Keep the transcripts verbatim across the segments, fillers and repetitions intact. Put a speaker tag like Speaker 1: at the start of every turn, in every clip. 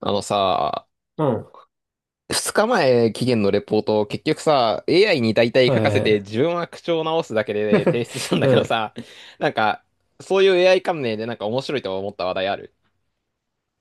Speaker 1: あのさ、
Speaker 2: うん。は
Speaker 1: 二日前期限のレポート結局さ、エーアイ に大体
Speaker 2: いは
Speaker 1: 書かせ
Speaker 2: いは
Speaker 1: て
Speaker 2: い。
Speaker 1: 自分は口調を直すだけで提出したんだ
Speaker 2: う
Speaker 1: けど
Speaker 2: ん。
Speaker 1: さ、なんか、そういう エーアイ 関連でなんか面白いと思った話題ある？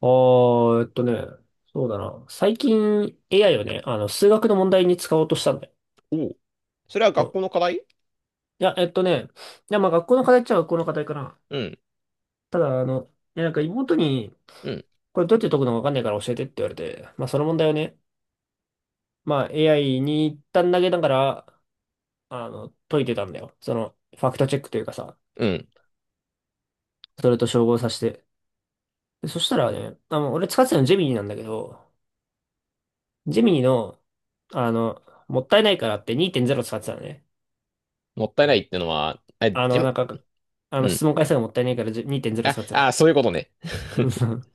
Speaker 2: あー、えっとね、そうだな。最近 エーアイ をね、あの、数学の問題に使おうとしたんだよ。
Speaker 1: おう。それは
Speaker 2: う
Speaker 1: 学
Speaker 2: ん。
Speaker 1: 校の課題？
Speaker 2: いや、えっとね、いや、まあ学校の課題っちゃ学校の課題かな。
Speaker 1: うん。
Speaker 2: ただ、あの、いや、なんか妹に、
Speaker 1: うん。
Speaker 2: これどうやって解くのかわかんないから教えてって言われて、まあその問題をね、まあ エーアイ に一旦投げながら、あの、解いてたんだよ。その、ファクトチェックというかさ、
Speaker 1: うん。
Speaker 2: それと照合させて。でそしたらね、あの、俺使ってたのジェミニなんだけど、ジミーの、あの、もったいないからってにてんゼロ使ってたのね。
Speaker 1: もったいないってのは、あ、
Speaker 2: あ
Speaker 1: じ
Speaker 2: の、
Speaker 1: ゅ、
Speaker 2: なんか、あの、
Speaker 1: うん。
Speaker 2: 質問回数がもったいないからじゅにてんゼロ
Speaker 1: あ、
Speaker 2: 使ってたの。
Speaker 1: あ、そういうことね。
Speaker 2: う ん。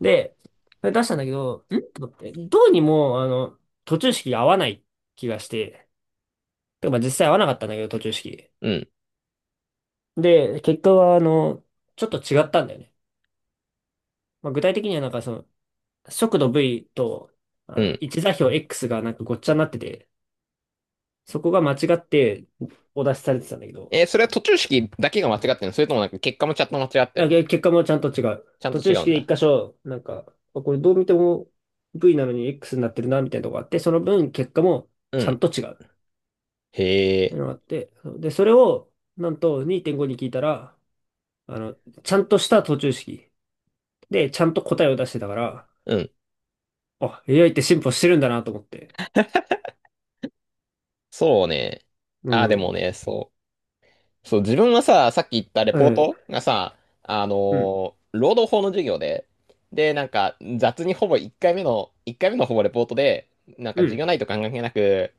Speaker 2: で、それ出したんだけど、んと思って、どうにも、あの、途中式が合わない気がして、てかまあ実際合わなかったんだけど、途中式。
Speaker 1: うん。
Speaker 2: で、結果は、あの、ちょっと違ったんだよね。まあ、具体的にはなんかその、速度 V と、あ
Speaker 1: う
Speaker 2: の、
Speaker 1: ん。
Speaker 2: 位置座標 X がなんかごっちゃになってて、そこが間違ってお出しされてたんだけど、
Speaker 1: えーそれは途中式だけが間違ってんの？それともなんか結果もちゃんと間違っ
Speaker 2: い
Speaker 1: てん
Speaker 2: や、
Speaker 1: の？
Speaker 2: 結果もちゃんと違う。
Speaker 1: ちゃんと
Speaker 2: 途中
Speaker 1: 違うん
Speaker 2: 式で一
Speaker 1: だ。
Speaker 2: 箇所、なんか、あこれどう見ても V なのに X になってるな、みたいなとこがあって、その分結果も
Speaker 1: う
Speaker 2: ちゃ
Speaker 1: ん。
Speaker 2: んと違うっ
Speaker 1: へ
Speaker 2: てい
Speaker 1: え。
Speaker 2: うのがあって、で、それを、なんとにてんごに聞いたら、あの、ちゃんとした途中式で、ちゃんと答えを出してたから、
Speaker 1: うん。
Speaker 2: あ、エーアイ って進歩してるんだなと思って。
Speaker 1: そうね。
Speaker 2: う
Speaker 1: あ、でも
Speaker 2: ん。
Speaker 1: ね、そう。そう、自分はさ、さっき言ったレ
Speaker 2: え
Speaker 1: ポー
Speaker 2: え、
Speaker 1: トがさ、あの
Speaker 2: うん、
Speaker 1: ー労働法の授業で、で、なんか、雑にほぼ1回目の、いっかいめのほぼレポートで、なんか
Speaker 2: う
Speaker 1: 授業
Speaker 2: ん。
Speaker 1: 内と関係なく、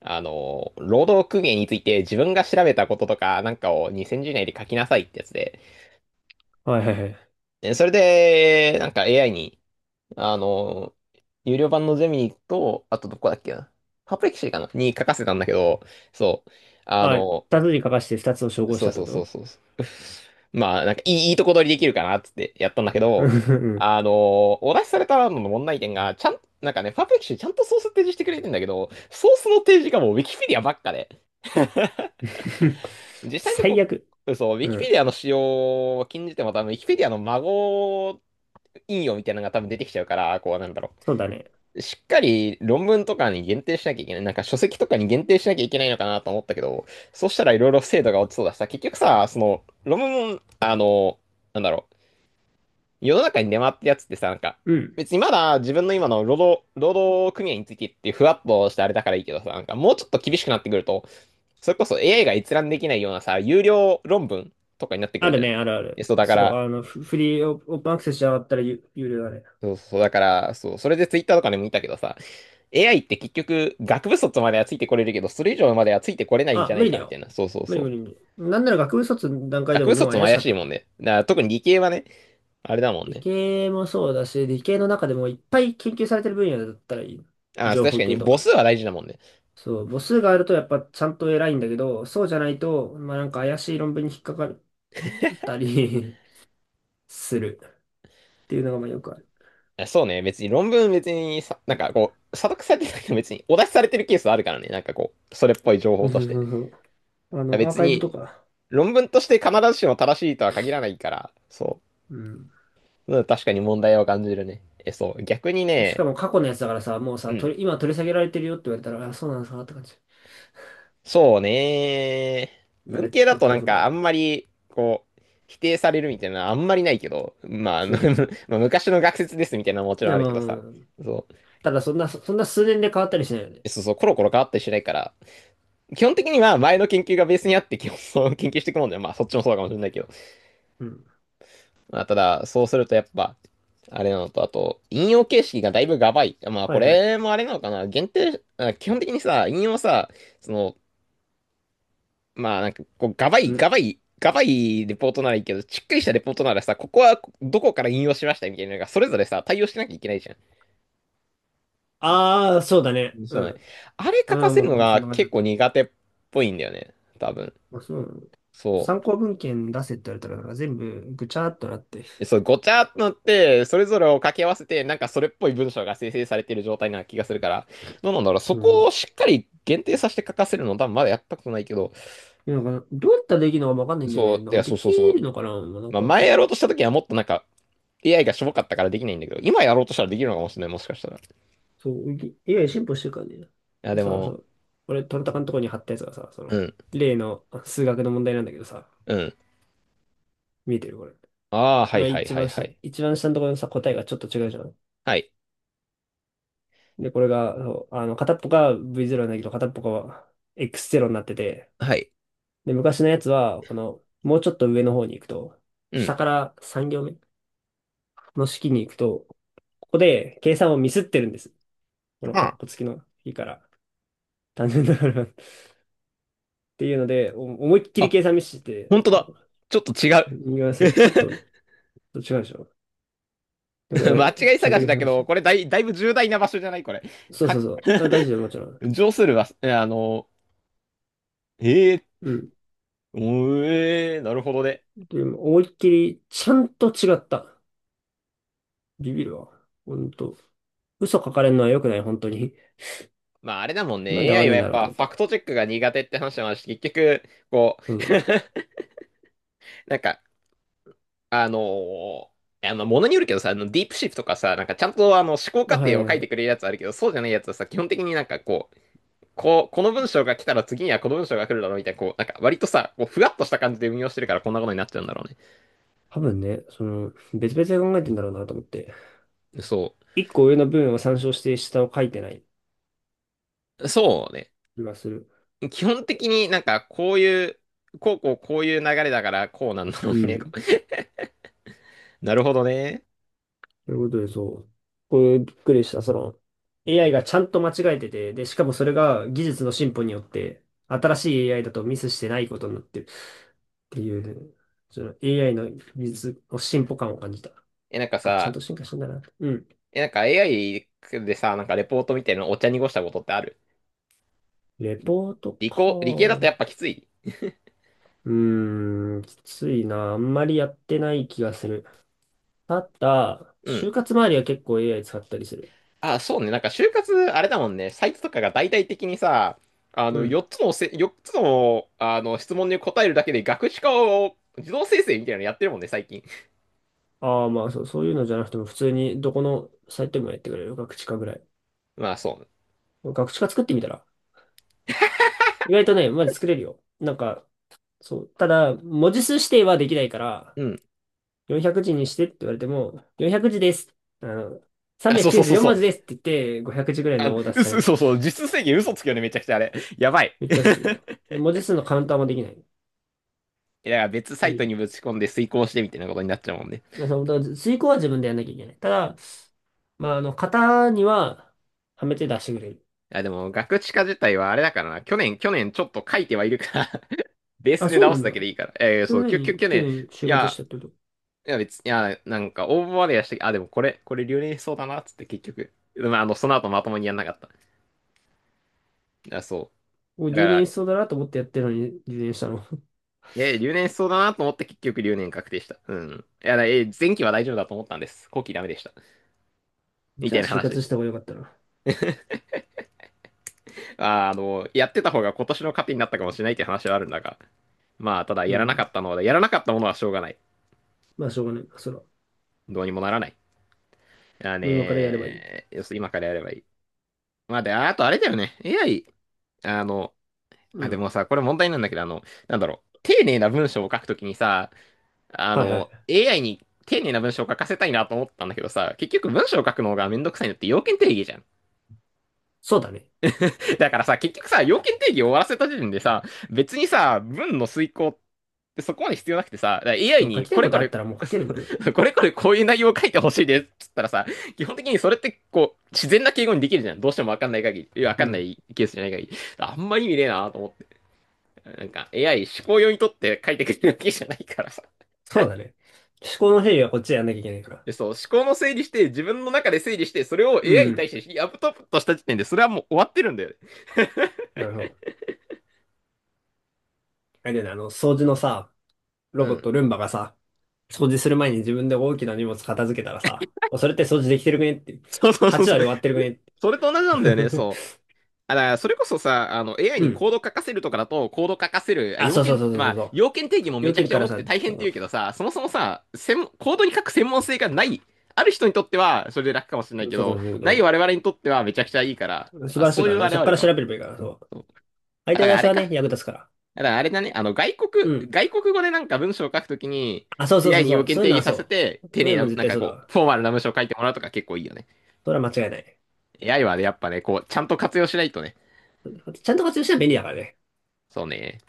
Speaker 1: あのー労働組合について自分が調べたこととか、なんかをにせん字以内で書きなさいってやつで、
Speaker 2: はいはいは
Speaker 1: でそれで、なんか エーアイ に、あのー有料版のゼミと、あとどこだっけな、パプレキシーかなに書かせたんだけど、そう、
Speaker 2: い。
Speaker 1: あ
Speaker 2: あ、
Speaker 1: の
Speaker 2: 二つに書かして二つを照合し
Speaker 1: そう
Speaker 2: たって
Speaker 1: そ
Speaker 2: こ
Speaker 1: うそう
Speaker 2: と。
Speaker 1: そうそう。まあ、なんかいい、いいとこ取りできるかなっつってやったんだけ
Speaker 2: う
Speaker 1: ど、
Speaker 2: ん。
Speaker 1: あのーお出しされたのの問題点が、ちゃん、なんかね、パーフェクションちゃんとソース提示してくれてんだけど、ソースの提示がもうウィキペディアばっかで、実 際のと
Speaker 2: 最
Speaker 1: こ、
Speaker 2: 悪。
Speaker 1: そう、ウィ
Speaker 2: う
Speaker 1: キペデ
Speaker 2: ん。
Speaker 1: ィアの使用を禁じても多分、ウィキペディアの孫引用みたいなのが多分出てきちゃうから、こうなんだろ
Speaker 2: そうだね。
Speaker 1: う。しっかり論文とかに限定しなきゃいけない。なんか書籍とかに限定しなきゃいけないのかなと思ったけど、そうしたらいろいろ精度が落ちそうだしさ、結局さ、その論文も、あの、なんだろう、世の中に出回ってるやつってさ、なんか、
Speaker 2: うん。
Speaker 1: 別にまだ自分の今の労働、労働組合についてってふわっとしてあれだからいいけどさ、なんかもうちょっと厳しくなってくると、それこそ エーアイ が閲覧できないようなさ、有料論文とかになってく
Speaker 2: あ
Speaker 1: る
Speaker 2: る
Speaker 1: じゃん。
Speaker 2: ね、あるあ
Speaker 1: で
Speaker 2: る。
Speaker 1: そうだか
Speaker 2: そう、
Speaker 1: ら、
Speaker 2: あの、フフリーオオープンアクセスじゃなかったら有、有料だね。
Speaker 1: そうそう、だから、そう、それでツイッターとかでも見たけどさ、エーアイ って結局、学部卒まではついてこれるけど、それ以上まではついてこれないんじ
Speaker 2: あ、
Speaker 1: ゃな
Speaker 2: 無
Speaker 1: い
Speaker 2: 理だ
Speaker 1: か、みた
Speaker 2: よ。
Speaker 1: いな。そうそう
Speaker 2: 無理
Speaker 1: そ
Speaker 2: 無理
Speaker 1: う。
Speaker 2: 無理。なんなら学部卒の段階
Speaker 1: 学
Speaker 2: でも
Speaker 1: 部
Speaker 2: もう
Speaker 1: 卒も
Speaker 2: 怪し
Speaker 1: 怪
Speaker 2: かっ
Speaker 1: しい
Speaker 2: たも
Speaker 1: も
Speaker 2: ん。
Speaker 1: んね。だから特に理系はね、あれだもん
Speaker 2: 理
Speaker 1: ね。
Speaker 2: 系もそうだし、理系の中でもいっぱい研究されてる分野だったらいい。
Speaker 1: あ、
Speaker 2: 情
Speaker 1: 確
Speaker 2: 報
Speaker 1: か
Speaker 2: 系
Speaker 1: に
Speaker 2: と
Speaker 1: 母
Speaker 2: か。
Speaker 1: 数は大事だもんね。
Speaker 2: そう、母数があるとやっぱちゃんと偉いんだけど、そうじゃないと、まあなんか怪しい論文に引っかかるったり するっていうのがまあよくある。
Speaker 1: あそうね、別に論文別にさ、なんかこう、査読されてたけど別にお出しされてるケースはあるからね。なんかこう、それっぽい情
Speaker 2: う
Speaker 1: 報
Speaker 2: んう
Speaker 1: とし
Speaker 2: ん
Speaker 1: て。
Speaker 2: うんうん。あの、アー
Speaker 1: 別
Speaker 2: カイブと
Speaker 1: に、
Speaker 2: か。
Speaker 1: 論文として必ずしも正しいとは限らないから、そ
Speaker 2: うん。
Speaker 1: う。うん、確かに問題を感じるね。え、そう。逆に
Speaker 2: しか
Speaker 1: ね、
Speaker 2: も過去のやつだからさ、もう
Speaker 1: う
Speaker 2: さ、
Speaker 1: ん。
Speaker 2: 取り今取り下げられてるよって言われたら、あ、そうなんですかって感じ。
Speaker 1: そうね。
Speaker 2: ナ
Speaker 1: 文
Speaker 2: レッ
Speaker 1: 系
Speaker 2: ジ
Speaker 1: だ
Speaker 2: カッ
Speaker 1: とな
Speaker 2: トオ
Speaker 1: ん
Speaker 2: フが。
Speaker 1: かあんまり、こう、否定されるみたいなのはあんまりないけど、まあ、あ
Speaker 2: そ
Speaker 1: の
Speaker 2: う。
Speaker 1: まあ昔の学説ですみたいなのももちろん
Speaker 2: で
Speaker 1: あるけどさ。
Speaker 2: も、
Speaker 1: そ
Speaker 2: ただそんな、そそんな数年で変わったりしないよね。
Speaker 1: う。そうそう、コロコロ変わったりしないから、基本的には前の研究がベースにあって基本そう研究していくもんだよ。まあ、そっちもそうかもしれないけど。
Speaker 2: うん。
Speaker 1: まあ、ただ、そうするとやっぱ、あれなのと、あと、引用形式がだいぶガバい。まあ、
Speaker 2: は
Speaker 1: こ
Speaker 2: いはい。
Speaker 1: れもあれなのかな。限定、あ基本的にさ、引用さ、その、まあなんかこうガバ
Speaker 2: う
Speaker 1: いガ
Speaker 2: ん。
Speaker 1: バいガバいレポートならいいけど、しっかりしたレポートならさ、ここはどこから引用しましたみたいなのがそれぞれさ対応しなきゃいけないじゃん。
Speaker 2: ああ、そうだね。
Speaker 1: そ
Speaker 2: う
Speaker 1: うだね。
Speaker 2: ん。
Speaker 1: あれ
Speaker 2: う
Speaker 1: 書か
Speaker 2: ん、
Speaker 1: せ
Speaker 2: もう
Speaker 1: る
Speaker 2: 本
Speaker 1: の
Speaker 2: 当にそん
Speaker 1: が
Speaker 2: な感じだ
Speaker 1: 結
Speaker 2: った。
Speaker 1: 構苦手っぽいんだよね多分。
Speaker 2: あ、そうなの。
Speaker 1: そ
Speaker 2: 参考文献出せって言われたら、なんか全部ぐちゃっとなって。
Speaker 1: う。そうごちゃっとなってそれぞれを掛け合わせてなんかそれっぽい文章が生成されている状態な気がするから、どうなんだろう、そ
Speaker 2: う
Speaker 1: こ
Speaker 2: ん。
Speaker 1: をしっかり限定させて書かせるの多分まだやったことないけど、
Speaker 2: いやなんか、どうやったらできるのかわかんないんだよ
Speaker 1: そ
Speaker 2: ね。
Speaker 1: う
Speaker 2: な
Speaker 1: い
Speaker 2: んか
Speaker 1: や
Speaker 2: で
Speaker 1: そうそ
Speaker 2: き
Speaker 1: うそ
Speaker 2: る
Speaker 1: う。
Speaker 2: のかな、まあなん
Speaker 1: まあ
Speaker 2: かさ、
Speaker 1: 前
Speaker 2: そ
Speaker 1: やろうとした時はもっとなんか エーアイ がしょぼかったからできないんだけど、今やろうとしたらできるのかもしれない、もしかしたら。い
Speaker 2: そう、ぎ エーアイ 進歩してるからね。
Speaker 1: や、
Speaker 2: で
Speaker 1: で
Speaker 2: さ、そ
Speaker 1: も、
Speaker 2: う、俺、トンタカのとこに貼ったやつがさ、そ
Speaker 1: う
Speaker 2: の、
Speaker 1: ん。
Speaker 2: 例のあ数学の問題なんだけどさ、
Speaker 1: うん。
Speaker 2: 見えてるこれ。
Speaker 1: ああ、はい
Speaker 2: 今
Speaker 1: はい
Speaker 2: 一
Speaker 1: はい
Speaker 2: 番
Speaker 1: は
Speaker 2: 下、
Speaker 1: い。
Speaker 2: 一番下のところのさ、答えがちょっと違うじゃん。
Speaker 1: はい。
Speaker 2: で、これが、そうあの、片っぽが ブイゼロ なんだけど、片っぽが エックスゼロ になってて、
Speaker 1: はい。
Speaker 2: で、昔のやつは、この、もうちょっと上の方に行くと、
Speaker 1: うん。
Speaker 2: 下からさん行目の式に行くと、ここで計算をミスってるんです。このカッ
Speaker 1: あ
Speaker 2: コ付きの式から。単純だから っていうので、お思いっき
Speaker 1: あ、
Speaker 2: り
Speaker 1: あ、
Speaker 2: 計算ミスして
Speaker 1: 本
Speaker 2: て、
Speaker 1: 当だ。ちょっと違う。
Speaker 2: 右側さ、ちょっと、違うでしょ。で、こ
Speaker 1: 間
Speaker 2: れ、
Speaker 1: 違い
Speaker 2: ちゃん
Speaker 1: 探
Speaker 2: と
Speaker 1: し
Speaker 2: 計
Speaker 1: だけ
Speaker 2: 算し
Speaker 1: ど、こ
Speaker 2: て。
Speaker 1: れだい、だいぶ重大な場所じゃないこれ。
Speaker 2: そう
Speaker 1: か、
Speaker 2: そうそう。あ、大事だよ、もちろん。
Speaker 1: 上するは、えあの、ええ、
Speaker 2: うん。
Speaker 1: おえーなるほどね。
Speaker 2: でも、思いっきり、ちゃんと違った。ビビるわ。ほんと。嘘書かれるのは良くない、本当に。
Speaker 1: まああれだもん
Speaker 2: なん
Speaker 1: ね。
Speaker 2: で合わ
Speaker 1: エーアイ
Speaker 2: ね
Speaker 1: は
Speaker 2: えん
Speaker 1: や
Speaker 2: だ
Speaker 1: っ
Speaker 2: ろうと
Speaker 1: ぱ
Speaker 2: 思っ
Speaker 1: ファクト
Speaker 2: た。
Speaker 1: チェックが苦手って話もあるし、結局、こ
Speaker 2: そ
Speaker 1: う、
Speaker 2: う。
Speaker 1: なんか、あのーあの、ものによるけどさ、あの、ディープシフトとかさ、なんかちゃんとあの、思考
Speaker 2: あ、
Speaker 1: 過
Speaker 2: はい
Speaker 1: 程
Speaker 2: は
Speaker 1: を
Speaker 2: い
Speaker 1: 書い
Speaker 2: は
Speaker 1: てく
Speaker 2: い。
Speaker 1: れるやつあるけど、そうじゃないやつはさ、基本的になんかこう、こう、この文章が来たら次にはこの文章が来るだろうみたいな、こう、なんか割とさ、こう、ふわっとした感じで運用してるからこんなことになっちゃうんだろう
Speaker 2: 多分ね、その、別々で考えてんだろうなと思って。
Speaker 1: ね。そ
Speaker 2: 一個上の文を参照して下を書いてない
Speaker 1: う。そうね。
Speaker 2: 気がする。
Speaker 1: 基本的になんかこういう、こうこうこういう流れだからこうなんだろ
Speaker 2: う
Speaker 1: うね。
Speaker 2: ん。
Speaker 1: なるほどね。
Speaker 2: ということで、そう。これびっくりした。その、エーアイ がちゃんと間違えてて、で、しかもそれが技術の進歩によって、新しい エーアイ だとミスしてないことになってるっていうね、その エーアイ の技術の進歩感を感じた。
Speaker 1: え、なんか
Speaker 2: あ、ちゃん
Speaker 1: さ、
Speaker 2: と進化したんだな。うん。
Speaker 1: え、なんか エーアイ でさ、なんかレポートみたいなのお茶濁したことってある？
Speaker 2: レポート
Speaker 1: 理工、理系だとやっ
Speaker 2: か。
Speaker 1: ぱきつい。
Speaker 2: うーん、きついな。あんまりやってない気がする。ただ、
Speaker 1: うん。
Speaker 2: 就活周りは結構 エーアイ 使ったりする。
Speaker 1: あ、そうね。なんか、就活、あれだもんね。サイトとかが大々的にさ、あ
Speaker 2: う
Speaker 1: の、
Speaker 2: ん。
Speaker 1: 4つのせ、よっつの、あの、質問に答えるだけで学士化を自動生成みたいなのやってるもんね、最近。
Speaker 2: ああ、まあそう、そういうのじゃなくても、普通にどこのサイトでもやってくれる。学知かぐらい。
Speaker 1: まあ、そ
Speaker 2: 学習化作ってみたら。意外とね、まず作れるよ。なんか、そう。ただ、文字数指定はできないから、
Speaker 1: う。うん。
Speaker 2: よんひゃく字にしてって言われても、よんひゃく字です。あの、
Speaker 1: あ、そうそうそう
Speaker 2: さんびゃくきゅうじゅうよん
Speaker 1: そ
Speaker 2: 文
Speaker 1: う。
Speaker 2: 字ですって言って、ごひゃく字ぐらいのオーダーされ
Speaker 1: 嘘、
Speaker 2: る。
Speaker 1: そうそう。実質制限嘘つくよね、めちゃくちゃあれ。やばい。
Speaker 2: めっ
Speaker 1: い
Speaker 2: ちゃすぐよ。で、文字数のカウンターもできない。っ
Speaker 1: や、だから別サ
Speaker 2: て
Speaker 1: イ
Speaker 2: い
Speaker 1: ト
Speaker 2: う。
Speaker 1: にぶち込んで遂行してみたいなことになっちゃうもんね。
Speaker 2: だから、だから遂行は自分でやんなきゃいけない。ただ、まあ、あの、型には、はめて出してくれる。
Speaker 1: あ、でも、学士化自体はあれだからな。去年、去年ちょっと書いてはいるから ベース
Speaker 2: あ、
Speaker 1: で
Speaker 2: そう
Speaker 1: 直
Speaker 2: な
Speaker 1: す
Speaker 2: ん
Speaker 1: だ
Speaker 2: だ。
Speaker 1: けでいいから。えー
Speaker 2: そ
Speaker 1: そ
Speaker 2: れ
Speaker 1: う、
Speaker 2: なの
Speaker 1: きょ、きょ、
Speaker 2: に、
Speaker 1: 去
Speaker 2: 去
Speaker 1: 年、
Speaker 2: 年
Speaker 1: い
Speaker 2: 就活し
Speaker 1: や、
Speaker 2: たってこと。
Speaker 1: いや別に、いや、なんか応募までやして、あ、でもこれ、これ留年しそうだな、っつって結局。まあ、あの、その後まともにやんなかった。いや、そ
Speaker 2: もう
Speaker 1: う。だか
Speaker 2: 留年
Speaker 1: ら、
Speaker 2: しそうだなと思ってやってるのに留年したの。
Speaker 1: え、留年しそうだなと思って結局留年確定した。うん。いや、だえ、前期は大丈夫だと思ったんです。後期ダメでした。み
Speaker 2: じ
Speaker 1: た
Speaker 2: ゃ
Speaker 1: い
Speaker 2: あ
Speaker 1: な
Speaker 2: 就活
Speaker 1: 話。
Speaker 2: した方がよかったな。
Speaker 1: あー、あの、やってた方が今年の糧になったかもしれないって話はあるんだが。まあ、ただ、
Speaker 2: う
Speaker 1: やらなかっ
Speaker 2: ん。
Speaker 1: たのは、やらなかったものはしょうがない。
Speaker 2: まあ、しょうがない。それは。
Speaker 1: どうにもならない。あ
Speaker 2: もう今からやればいい。
Speaker 1: ねー、要するに今からやればいい。まあ、で、あとあれだよね。エーアイ、あの、
Speaker 2: う
Speaker 1: あ、で
Speaker 2: ん。
Speaker 1: もさ、これ問題なんだけど、あの、なんだろう。丁寧な文章を書くときにさ、あ
Speaker 2: はいは
Speaker 1: の、
Speaker 2: い。
Speaker 1: エーアイ に丁寧な文章を書かせたいなと思ったんだけどさ、結局文章を書くのがめんどくさいのって要件定義じゃん。
Speaker 2: そうだね。
Speaker 1: だからさ、結局さ、要件定義を終わらせた時点でさ、別にさ、文の遂行ってそこまで必要なくてさ、だから エーアイ
Speaker 2: そう、書
Speaker 1: に
Speaker 2: きた
Speaker 1: こ
Speaker 2: い
Speaker 1: れ
Speaker 2: こと
Speaker 1: こ
Speaker 2: あっ
Speaker 1: れ、
Speaker 2: たらもう書けるんだよね。
Speaker 1: これこれこういう内容を書いてほしいですっつったらさ、基本的にそれってこう、自然な敬語にできるじゃん。どうしてもわかんない限り、いやわ
Speaker 2: う
Speaker 1: かんな
Speaker 2: ん。
Speaker 1: いケースじゃない限り。あんま意味ねえなと思って。なんか エーアイ 思考用にとって書いてくれるわけじゃないからさ。
Speaker 2: そうだね。思考の整理はこっちでやんなきゃいけないから。
Speaker 1: で、そう、思考の整理して、自分の中で整理して、それを
Speaker 2: う
Speaker 1: エーアイ に対
Speaker 2: ん。
Speaker 1: してアップトップとした時点で、それはもう終わってるんだよね。
Speaker 2: なるほど。あれだよね、あの、掃除のさ、
Speaker 1: う
Speaker 2: ロボッ
Speaker 1: ん。
Speaker 2: ト、ルンバがさ、掃除する前に自分で大きな荷物片付けたらさ、おそれって掃除できてるくねって。
Speaker 1: そうそうそう
Speaker 2: はち
Speaker 1: そ
Speaker 2: 割終
Speaker 1: う。
Speaker 2: わってるくねって。
Speaker 1: それと同じなんだよね、そう。あだからそれこそさ、あの、エーアイ
Speaker 2: う
Speaker 1: にコ
Speaker 2: ん。
Speaker 1: ード書かせるとかだと、コード書かせる、あ
Speaker 2: あ、
Speaker 1: 要
Speaker 2: そうそう
Speaker 1: 件、
Speaker 2: そうそうそ
Speaker 1: ま
Speaker 2: う
Speaker 1: あ、
Speaker 2: そう。
Speaker 1: 要件定義もめ
Speaker 2: 要
Speaker 1: ちゃく
Speaker 2: 件
Speaker 1: ちゃ
Speaker 2: から
Speaker 1: 重く
Speaker 2: さ、
Speaker 1: て大変って言うけどさ、そもそもさ、専門コードに書く専門性がない、ある人にとっては、それで楽かもしれないけ
Speaker 2: そうかも
Speaker 1: ど、
Speaker 2: しれないけ
Speaker 1: ない
Speaker 2: ど、
Speaker 1: 我々にとってはめちゃくちゃいいから、
Speaker 2: 素晴
Speaker 1: まあ、
Speaker 2: らしい
Speaker 1: そう
Speaker 2: か
Speaker 1: い
Speaker 2: ら
Speaker 1: う
Speaker 2: ね。
Speaker 1: あれ
Speaker 2: そ
Speaker 1: は
Speaker 2: っ
Speaker 1: あ
Speaker 2: か
Speaker 1: る
Speaker 2: ら
Speaker 1: か
Speaker 2: 調べ
Speaker 1: も。
Speaker 2: ればいいから、そう。
Speaker 1: そう
Speaker 2: 相
Speaker 1: だ
Speaker 2: 手
Speaker 1: から
Speaker 2: 出
Speaker 1: あ
Speaker 2: し
Speaker 1: れ
Speaker 2: は
Speaker 1: か。
Speaker 2: ね、役立つから。
Speaker 1: だからあれだね、あの、外
Speaker 2: う
Speaker 1: 国、
Speaker 2: ん。
Speaker 1: 外国語でなんか文章を書くときに、
Speaker 2: あ、そうそうそ
Speaker 1: エーアイ
Speaker 2: う
Speaker 1: に
Speaker 2: そ
Speaker 1: 要
Speaker 2: う。
Speaker 1: 件
Speaker 2: そういう
Speaker 1: 定
Speaker 2: のは
Speaker 1: 義させ
Speaker 2: そ
Speaker 1: て、
Speaker 2: う。
Speaker 1: 丁
Speaker 2: そうい
Speaker 1: 寧
Speaker 2: うのも
Speaker 1: な、
Speaker 2: 絶
Speaker 1: なん
Speaker 2: 対
Speaker 1: か
Speaker 2: そうだ
Speaker 1: こう、
Speaker 2: わ。
Speaker 1: フォーマルな文章を書いてもらうとか結構いいよね。
Speaker 2: それは間違いない。
Speaker 1: エーアイ はね、やっぱね、こう、ちゃんと活用しないとね。
Speaker 2: あとちゃんと活用したら便利だからね。
Speaker 1: そうね。